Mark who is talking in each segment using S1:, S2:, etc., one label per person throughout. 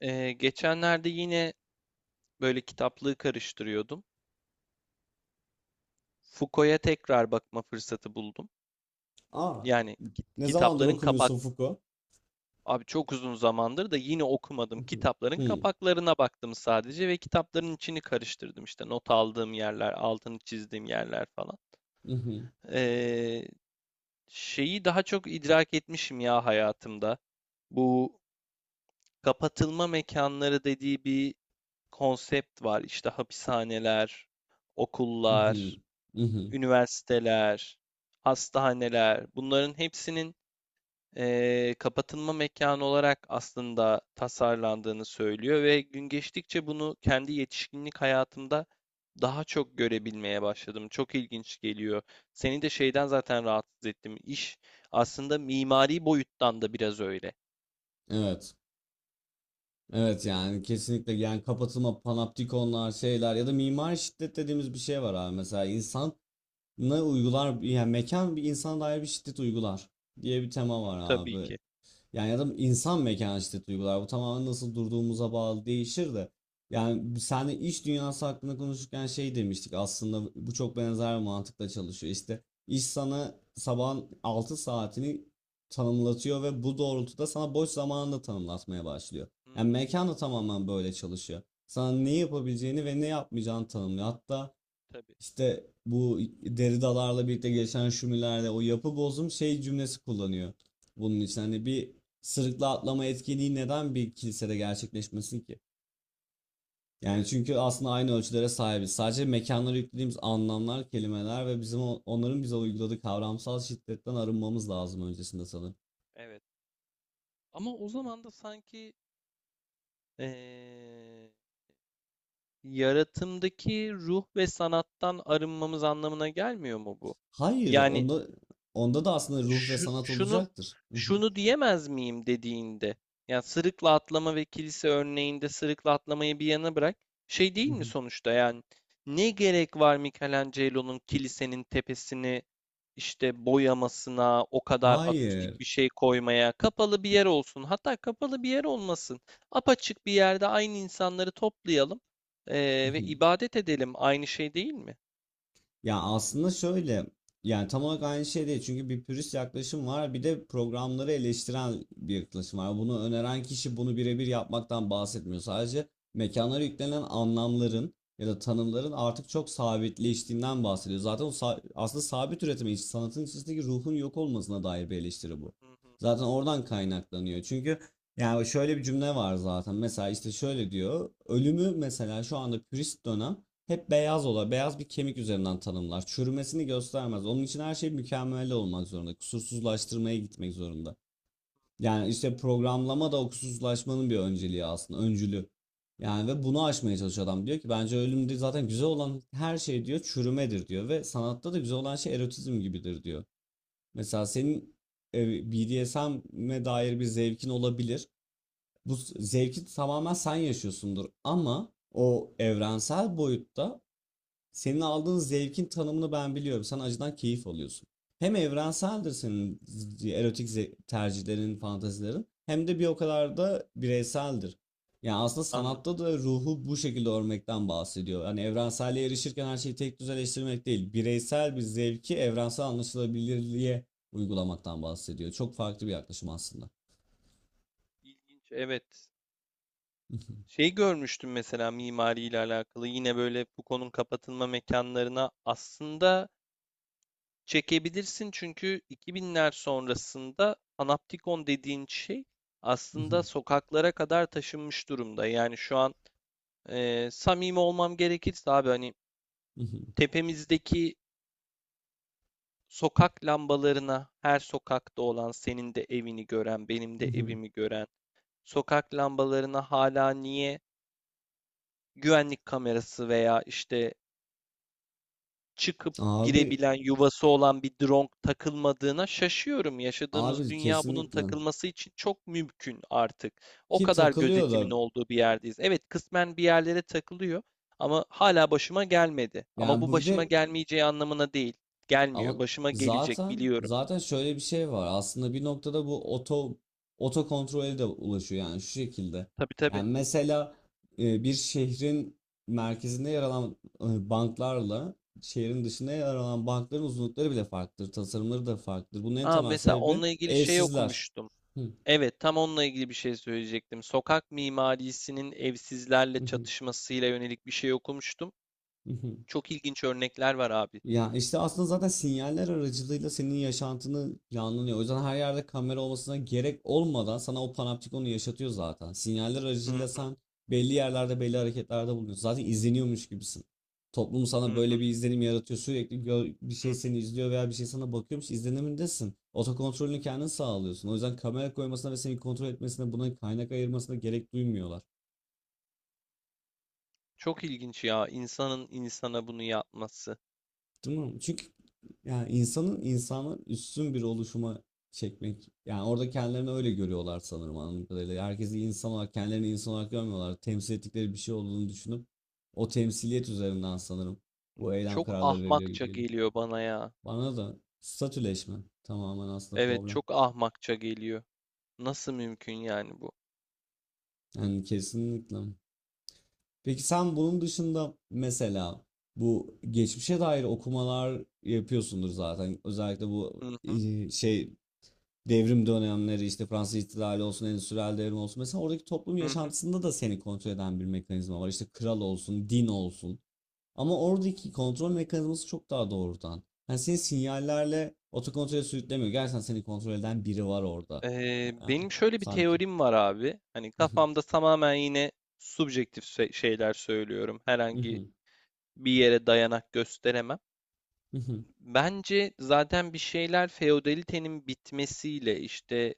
S1: Geçenlerde yine böyle kitaplığı karıştırıyordum. Foucault'a tekrar bakma fırsatı buldum.
S2: Aa,
S1: Yani
S2: ne zamandır
S1: kitapların kapak
S2: okumuyorsun Foucault?
S1: abi çok uzun zamandır da yine okumadım.
S2: Mhm,
S1: Kitapların
S2: hı,
S1: kapaklarına baktım sadece ve kitapların içini karıştırdım. İşte not aldığım yerler, altını çizdiğim yerler falan.
S2: mhm,
S1: Ee, Şeyi daha çok idrak etmişim ya hayatımda. Bu kapatılma mekanları dediği bir konsept var. İşte hapishaneler, okullar,
S2: mhm, mhm.
S1: üniversiteler, hastaneler bunların hepsinin kapatılma mekanı olarak aslında tasarlandığını söylüyor ve gün geçtikçe bunu kendi yetişkinlik hayatımda daha çok görebilmeye başladım. Çok ilginç geliyor. Seni de şeyden zaten rahatsız ettim. İş aslında mimari boyuttan da biraz öyle.
S2: Evet. Evet yani kesinlikle yani kapatılma panoptikonlar şeyler ya da mimari şiddet dediğimiz bir şey var abi. Mesela insan ne uygular yani mekan bir insana dair bir şiddet uygular diye bir
S1: Hı
S2: tema
S1: hı,
S2: var
S1: tabii
S2: abi.
S1: ki.
S2: Yani ya da insan mekanişte duygular. Bu tamamen nasıl durduğumuza bağlı değişir de. Yani seninle iş dünyası hakkında konuşurken şey demiştik. Aslında bu çok benzer bir mantıkla çalışıyor. İşte iş sana sabahın 6 saatini tanımlatıyor ve bu doğrultuda sana boş zamanını da tanımlatmaya başlıyor.
S1: Hı
S2: Yani
S1: hı,
S2: mekan da tamamen böyle çalışıyor. Sana ne yapabileceğini ve ne yapmayacağını tanımlıyor. Hatta
S1: tabii.
S2: işte bu deri dalarla birlikte gelişen şumilerle o yapı bozum şey cümlesi kullanıyor. Bunun için hani bir sırıkla atlama etkinliği neden bir kilisede gerçekleşmesin ki? Yani
S1: Evet,
S2: çünkü aslında aynı ölçülere sahibiz. Sadece mekanlara yüklediğimiz anlamlar, kelimeler ve bizim onların bize uyguladığı kavramsal şiddetten arınmamız lazım öncesinde sanırım.
S1: evet. Ama o zaman da sanki eee yaratımdaki ruh ve sanattan arınmamız anlamına gelmiyor mu bu?
S2: Hayır,
S1: Yani
S2: onda da aslında ruh ve
S1: şu,
S2: sanat
S1: şunu
S2: olacaktır.
S1: şunu diyemez miyim dediğinde, yani sırıkla atlama ve kilise örneğinde sırıkla atlamayı bir yana bırak, şey değil mi sonuçta? Yani ne gerek var Michelangelo'nun kilisenin tepesini işte boyamasına, o kadar akustik
S2: Hayır.
S1: bir şey koymaya? Kapalı bir yer olsun, hatta kapalı bir yer olmasın, apaçık bir yerde aynı insanları toplayalım ve ibadet edelim, aynı şey değil mi?
S2: Ya aslında şöyle yani tam olarak aynı şey değil çünkü bir pürist yaklaşım var bir de programları eleştiren bir yaklaşım var. Bunu öneren kişi bunu birebir yapmaktan bahsetmiyor. Sadece mekanlara yüklenen anlamların ya da tanımların
S1: Hı
S2: artık çok sabitleştiğinden bahsediyor. Zaten aslında sabit üretime sanatın içindeki ruhun yok olmasına dair bir eleştiri bu.
S1: hı hı.
S2: Zaten oradan kaynaklanıyor. Çünkü yani şöyle bir cümle var zaten. Mesela işte şöyle diyor. Ölümü mesela şu anda pürist dönem hep beyaz bir kemik üzerinden tanımlar. Çürümesini göstermez. Onun için her şey mükemmel olmak zorunda. Kusursuzlaştırmaya gitmek zorunda. Yani işte programlama da o kusursuzlaşmanın bir önceliği aslında, öncülü. Yani ve bunu aşmaya çalışıyor adam. Diyor ki bence ölümde zaten güzel olan her şey diyor çürümedir diyor ve sanatta da güzel olan şey erotizm gibidir diyor. Mesela senin BDSM'e dair bir zevkin olabilir. Bu zevki tamamen sen yaşıyorsundur ama o evrensel boyutta senin aldığın zevkin tanımını ben biliyorum. Sen acıdan keyif alıyorsun. Hem evrenseldir senin erotik tercihlerin, fantazilerin hem de bir o kadar da bireyseldir. Yani aslında
S1: Anladım.
S2: sanatta da ruhu bu şekilde örmekten bahsediyor. Yani evrenselliğe erişirken her şeyi tek düzeleştirmek değil, bireysel bir zevki evrensel anlaşılabilirliğe uygulamaktan bahsediyor. Çok farklı bir yaklaşım aslında.
S1: İlginç, evet. Şey görmüştüm mesela mimariyle alakalı, yine böyle Foucault'un kapatılma mekanlarına aslında çekebilirsin çünkü 2000'ler sonrasında panoptikon dediğin şey aslında sokaklara kadar taşınmış durumda. Yani şu an samimi olmam gerekirse abi, hani tepemizdeki sokak lambalarına, her sokakta olan senin de evini gören benim de evimi gören sokak lambalarına hala niye güvenlik kamerası veya işte çıkıp
S2: Abi,
S1: girebilen, yuvası olan bir drone takılmadığına şaşıyorum. Yaşadığımız
S2: abi,
S1: dünya bunun
S2: kesinlikle.
S1: takılması için çok mümkün artık. O
S2: Ki
S1: kadar
S2: takılıyor
S1: gözetimin
S2: da
S1: olduğu bir yerdeyiz. Evet, kısmen bir yerlere takılıyor ama hala başıma gelmedi. Ama
S2: yani
S1: bu
S2: bu bir
S1: başıma
S2: de.
S1: gelmeyeceği anlamına değil.
S2: Ama
S1: Gelmiyor. Başıma gelecek,
S2: zaten
S1: biliyorum.
S2: zaten şöyle bir şey var. Aslında bir noktada bu oto kontrole de ulaşıyor yani şu şekilde.
S1: Tabii tabii.
S2: Yani mesela bir şehrin merkezinde yer alan banklarla şehrin dışında yer alan bankların uzunlukları bile farklıdır, tasarımları da farklıdır. Bunun en
S1: Aa,
S2: temel
S1: mesela
S2: sebebi
S1: onunla ilgili şey
S2: evsizler.
S1: okumuştum. Evet, tam onunla ilgili bir şey söyleyecektim. Sokak mimarisinin evsizlerle çatışmasıyla yönelik bir şey okumuştum. Çok ilginç örnekler var abi.
S2: Ya işte aslında zaten sinyaller aracılığıyla senin yaşantını planlanıyor. O yüzden her yerde kamera olmasına gerek olmadan sana o panoptikonu yaşatıyor zaten. Sinyaller
S1: Hı
S2: aracılığıyla
S1: hı
S2: sen belli yerlerde belli hareketlerde bulunuyorsun. Zaten izleniyormuş gibisin. Toplum
S1: hı
S2: sana
S1: hı
S2: böyle bir izlenim yaratıyor. Sürekli bir şey
S1: hı.
S2: seni izliyor veya bir şey sana bakıyormuş izlenimindesin. Otokontrolünü kendin sağlıyorsun. O yüzden kamera koymasına ve seni kontrol etmesine buna kaynak ayırmasına gerek duymuyorlar.
S1: Çok ilginç ya, insanın insana bunu yapması.
S2: Değil mi? Çünkü yani insanın insanı üstün bir oluşuma çekmek. Yani orada kendilerini öyle görüyorlar sanırım anladığım kadarıyla. Herkesi insan olarak, kendilerini insan olarak görmüyorlar. Temsil ettikleri bir şey olduğunu düşünüp o temsiliyet üzerinden sanırım bu eylem
S1: Çok
S2: kararları veriliyor gibi
S1: ahmakça
S2: geliyor.
S1: geliyor bana ya.
S2: Bana da statüleşme tamamen aslında
S1: Evet,
S2: problem.
S1: çok ahmakça geliyor. Nasıl mümkün yani bu?
S2: Yani kesinlikle. Peki sen bunun dışında mesela bu geçmişe dair okumalar yapıyorsundur zaten. Özellikle bu
S1: Hı hı
S2: şey devrim dönemleri işte Fransız İhtilali olsun, Endüstriyel Devrim olsun. Mesela oradaki toplum
S1: hı hı.
S2: yaşantısında da seni kontrol eden bir mekanizma var. İşte kral olsun, din olsun. Ama oradaki kontrol mekanizması çok daha doğrudan. Yani seni sinyallerle otokontrole sürüklemiyor. Gerçekten seni kontrol eden biri var orada. Aa,
S1: Benim şöyle bir
S2: sanki.
S1: teorim var abi. Hani kafamda, tamamen yine şeyler söylüyorum. Herhangi bir yere dayanak gösteremem. Bence zaten bir şeyler feodalitenin bitmesiyle, işte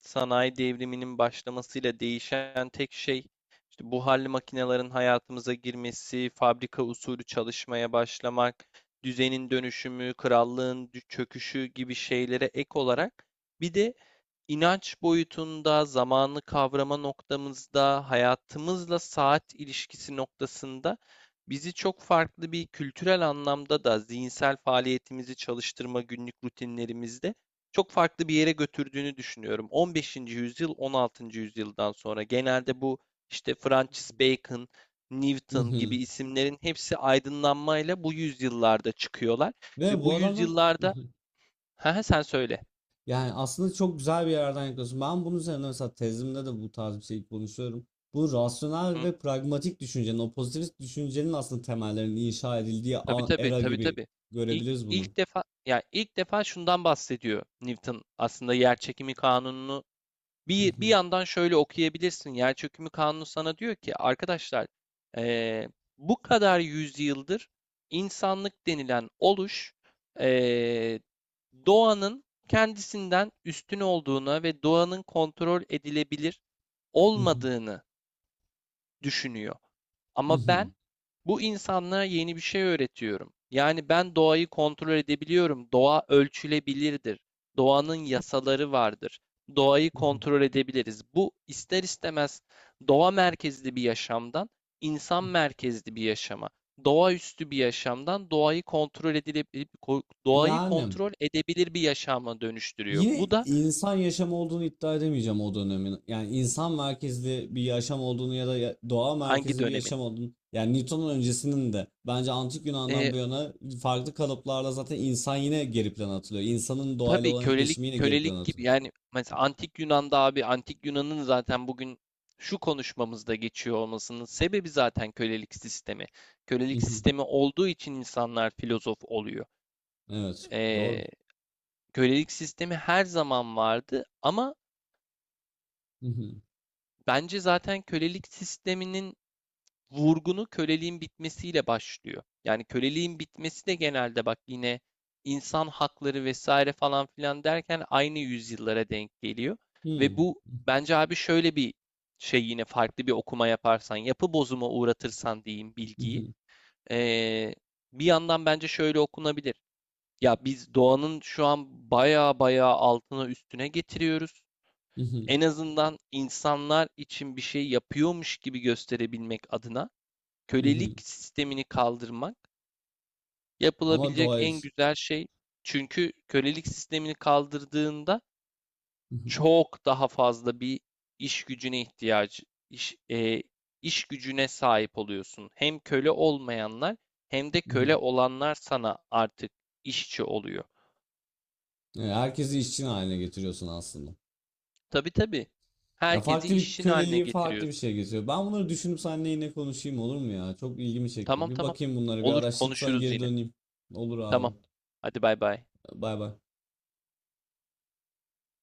S1: sanayi devriminin başlamasıyla değişen tek şey, işte buharlı makinelerin hayatımıza girmesi, fabrika usulü çalışmaya başlamak, düzenin dönüşümü, krallığın çöküşü gibi şeylere ek olarak bir de inanç boyutunda, zamanı kavrama noktamızda, hayatımızla saat ilişkisi noktasında bizi çok farklı bir kültürel anlamda da zihinsel faaliyetimizi çalıştırma günlük rutinlerimizde çok farklı bir yere götürdüğünü düşünüyorum. 15. yüzyıl, 16. yüzyıldan sonra genelde bu işte Francis Bacon, Newton gibi isimlerin hepsi aydınlanmayla bu yüzyıllarda çıkıyorlar
S2: Ve
S1: ve bu
S2: bu adamlar
S1: yüzyıllarda, ha, sen söyle.
S2: yani aslında çok güzel bir yerden yaklaşıyorsun. Ben bunun üzerine mesela tezimde de bu tarz bir şey konuşuyorum. Bu rasyonel
S1: Hı,
S2: ve pragmatik düşüncenin, o pozitivist düşüncenin aslında temellerinin inşa edildiği
S1: tabii tabii
S2: era
S1: tabii
S2: gibi
S1: tabii. İlk
S2: görebiliriz bunu.
S1: ilk defa, ya ilk defa şundan bahsediyor Newton, aslında yer çekimi kanununu. Bir yandan şöyle okuyabilirsin. Yerçökümü Kanunu sana diyor ki arkadaşlar, eee, bu kadar yüzyıldır insanlık denilen oluş eee, doğanın kendisinden üstün olduğuna ve doğanın kontrol edilebilir olmadığını düşünüyor. Ama ben bu insanlara yeni bir şey öğretiyorum. Yani ben doğayı kontrol edebiliyorum. Doğa ölçülebilirdir. Doğanın yasaları vardır. Doğayı kontrol edebiliriz. Bu ister istemez doğa merkezli bir yaşamdan insan merkezli bir yaşama, doğaüstü bir yaşamdan doğayı kontrol edilebilir, doğayı
S2: Yani
S1: kontrol edebilir bir yaşama dönüştürüyor.
S2: yine
S1: Bu da
S2: insan yaşamı olduğunu iddia edemeyeceğim o dönemin. Yani insan merkezli bir yaşam olduğunu ya da doğa
S1: hangi
S2: merkezli bir
S1: dönemin?
S2: yaşam olduğunu. Yani Newton'un öncesinin de bence antik Yunan'dan
S1: Ee,
S2: bu yana farklı kalıplarla zaten insan yine geri plana atılıyor. İnsanın doğayla
S1: Tabii,
S2: olan
S1: kölelik
S2: etkileşimi yine geri plana
S1: kölelik gibi
S2: atılıyor.
S1: yani, mesela antik Yunan'da abi, antik Yunan'ın zaten bugün şu konuşmamızda geçiyor olmasının sebebi zaten kölelik sistemi. Kölelik
S2: Mhm.
S1: sistemi olduğu için insanlar filozof oluyor.
S2: Evet, doğru.
S1: Ee, Kölelik sistemi her zaman vardı ama
S2: Mhm.
S1: bence zaten kölelik sisteminin vurgunu köleliğin bitmesiyle başlıyor. Yani köleliğin bitmesi de genelde, bak, yine insan hakları vesaire falan filan derken aynı yüzyıllara denk geliyor. Ve
S2: Hmm.
S1: bu, bence abi, şöyle bir şey, yine farklı bir okuma yaparsan, yapı bozuma uğratırsan diyeyim bilgiyi.
S2: Mhm.
S1: ee, Bir yandan bence şöyle okunabilir. Ya biz doğanın şu an baya baya altına üstüne getiriyoruz.
S2: Mhm.
S1: En azından insanlar için bir şey yapıyormuş gibi gösterebilmek adına kölelik
S2: Mhm.
S1: sistemini kaldırmak
S2: Ama
S1: yapılabilecek
S2: doğayı.
S1: en güzel şey. Çünkü kölelik sistemini kaldırdığında
S2: Mhm.
S1: çok daha fazla bir iş gücüne ihtiyacı iş, e, iş gücüne sahip oluyorsun. Hem köle olmayanlar hem de köle
S2: Mhm.
S1: olanlar sana artık işçi oluyor.
S2: Yani herkesi işçi haline getiriyorsun aslında.
S1: Tabii tabii.
S2: Ya
S1: Herkesi
S2: farklı bir
S1: işçin haline
S2: köleliği farklı bir
S1: getiriyorsun.
S2: şey getiriyor. Ben bunları düşünüp seninle yine konuşayım olur mu ya? Çok ilgimi çekti.
S1: Tamam
S2: Bir
S1: tamam.
S2: bakayım bunlara bir
S1: Olur,
S2: araştırıp sana
S1: konuşuruz
S2: geri
S1: yine.
S2: döneyim. Olur abi.
S1: Tamam. Hadi bay bay.
S2: Bay bay.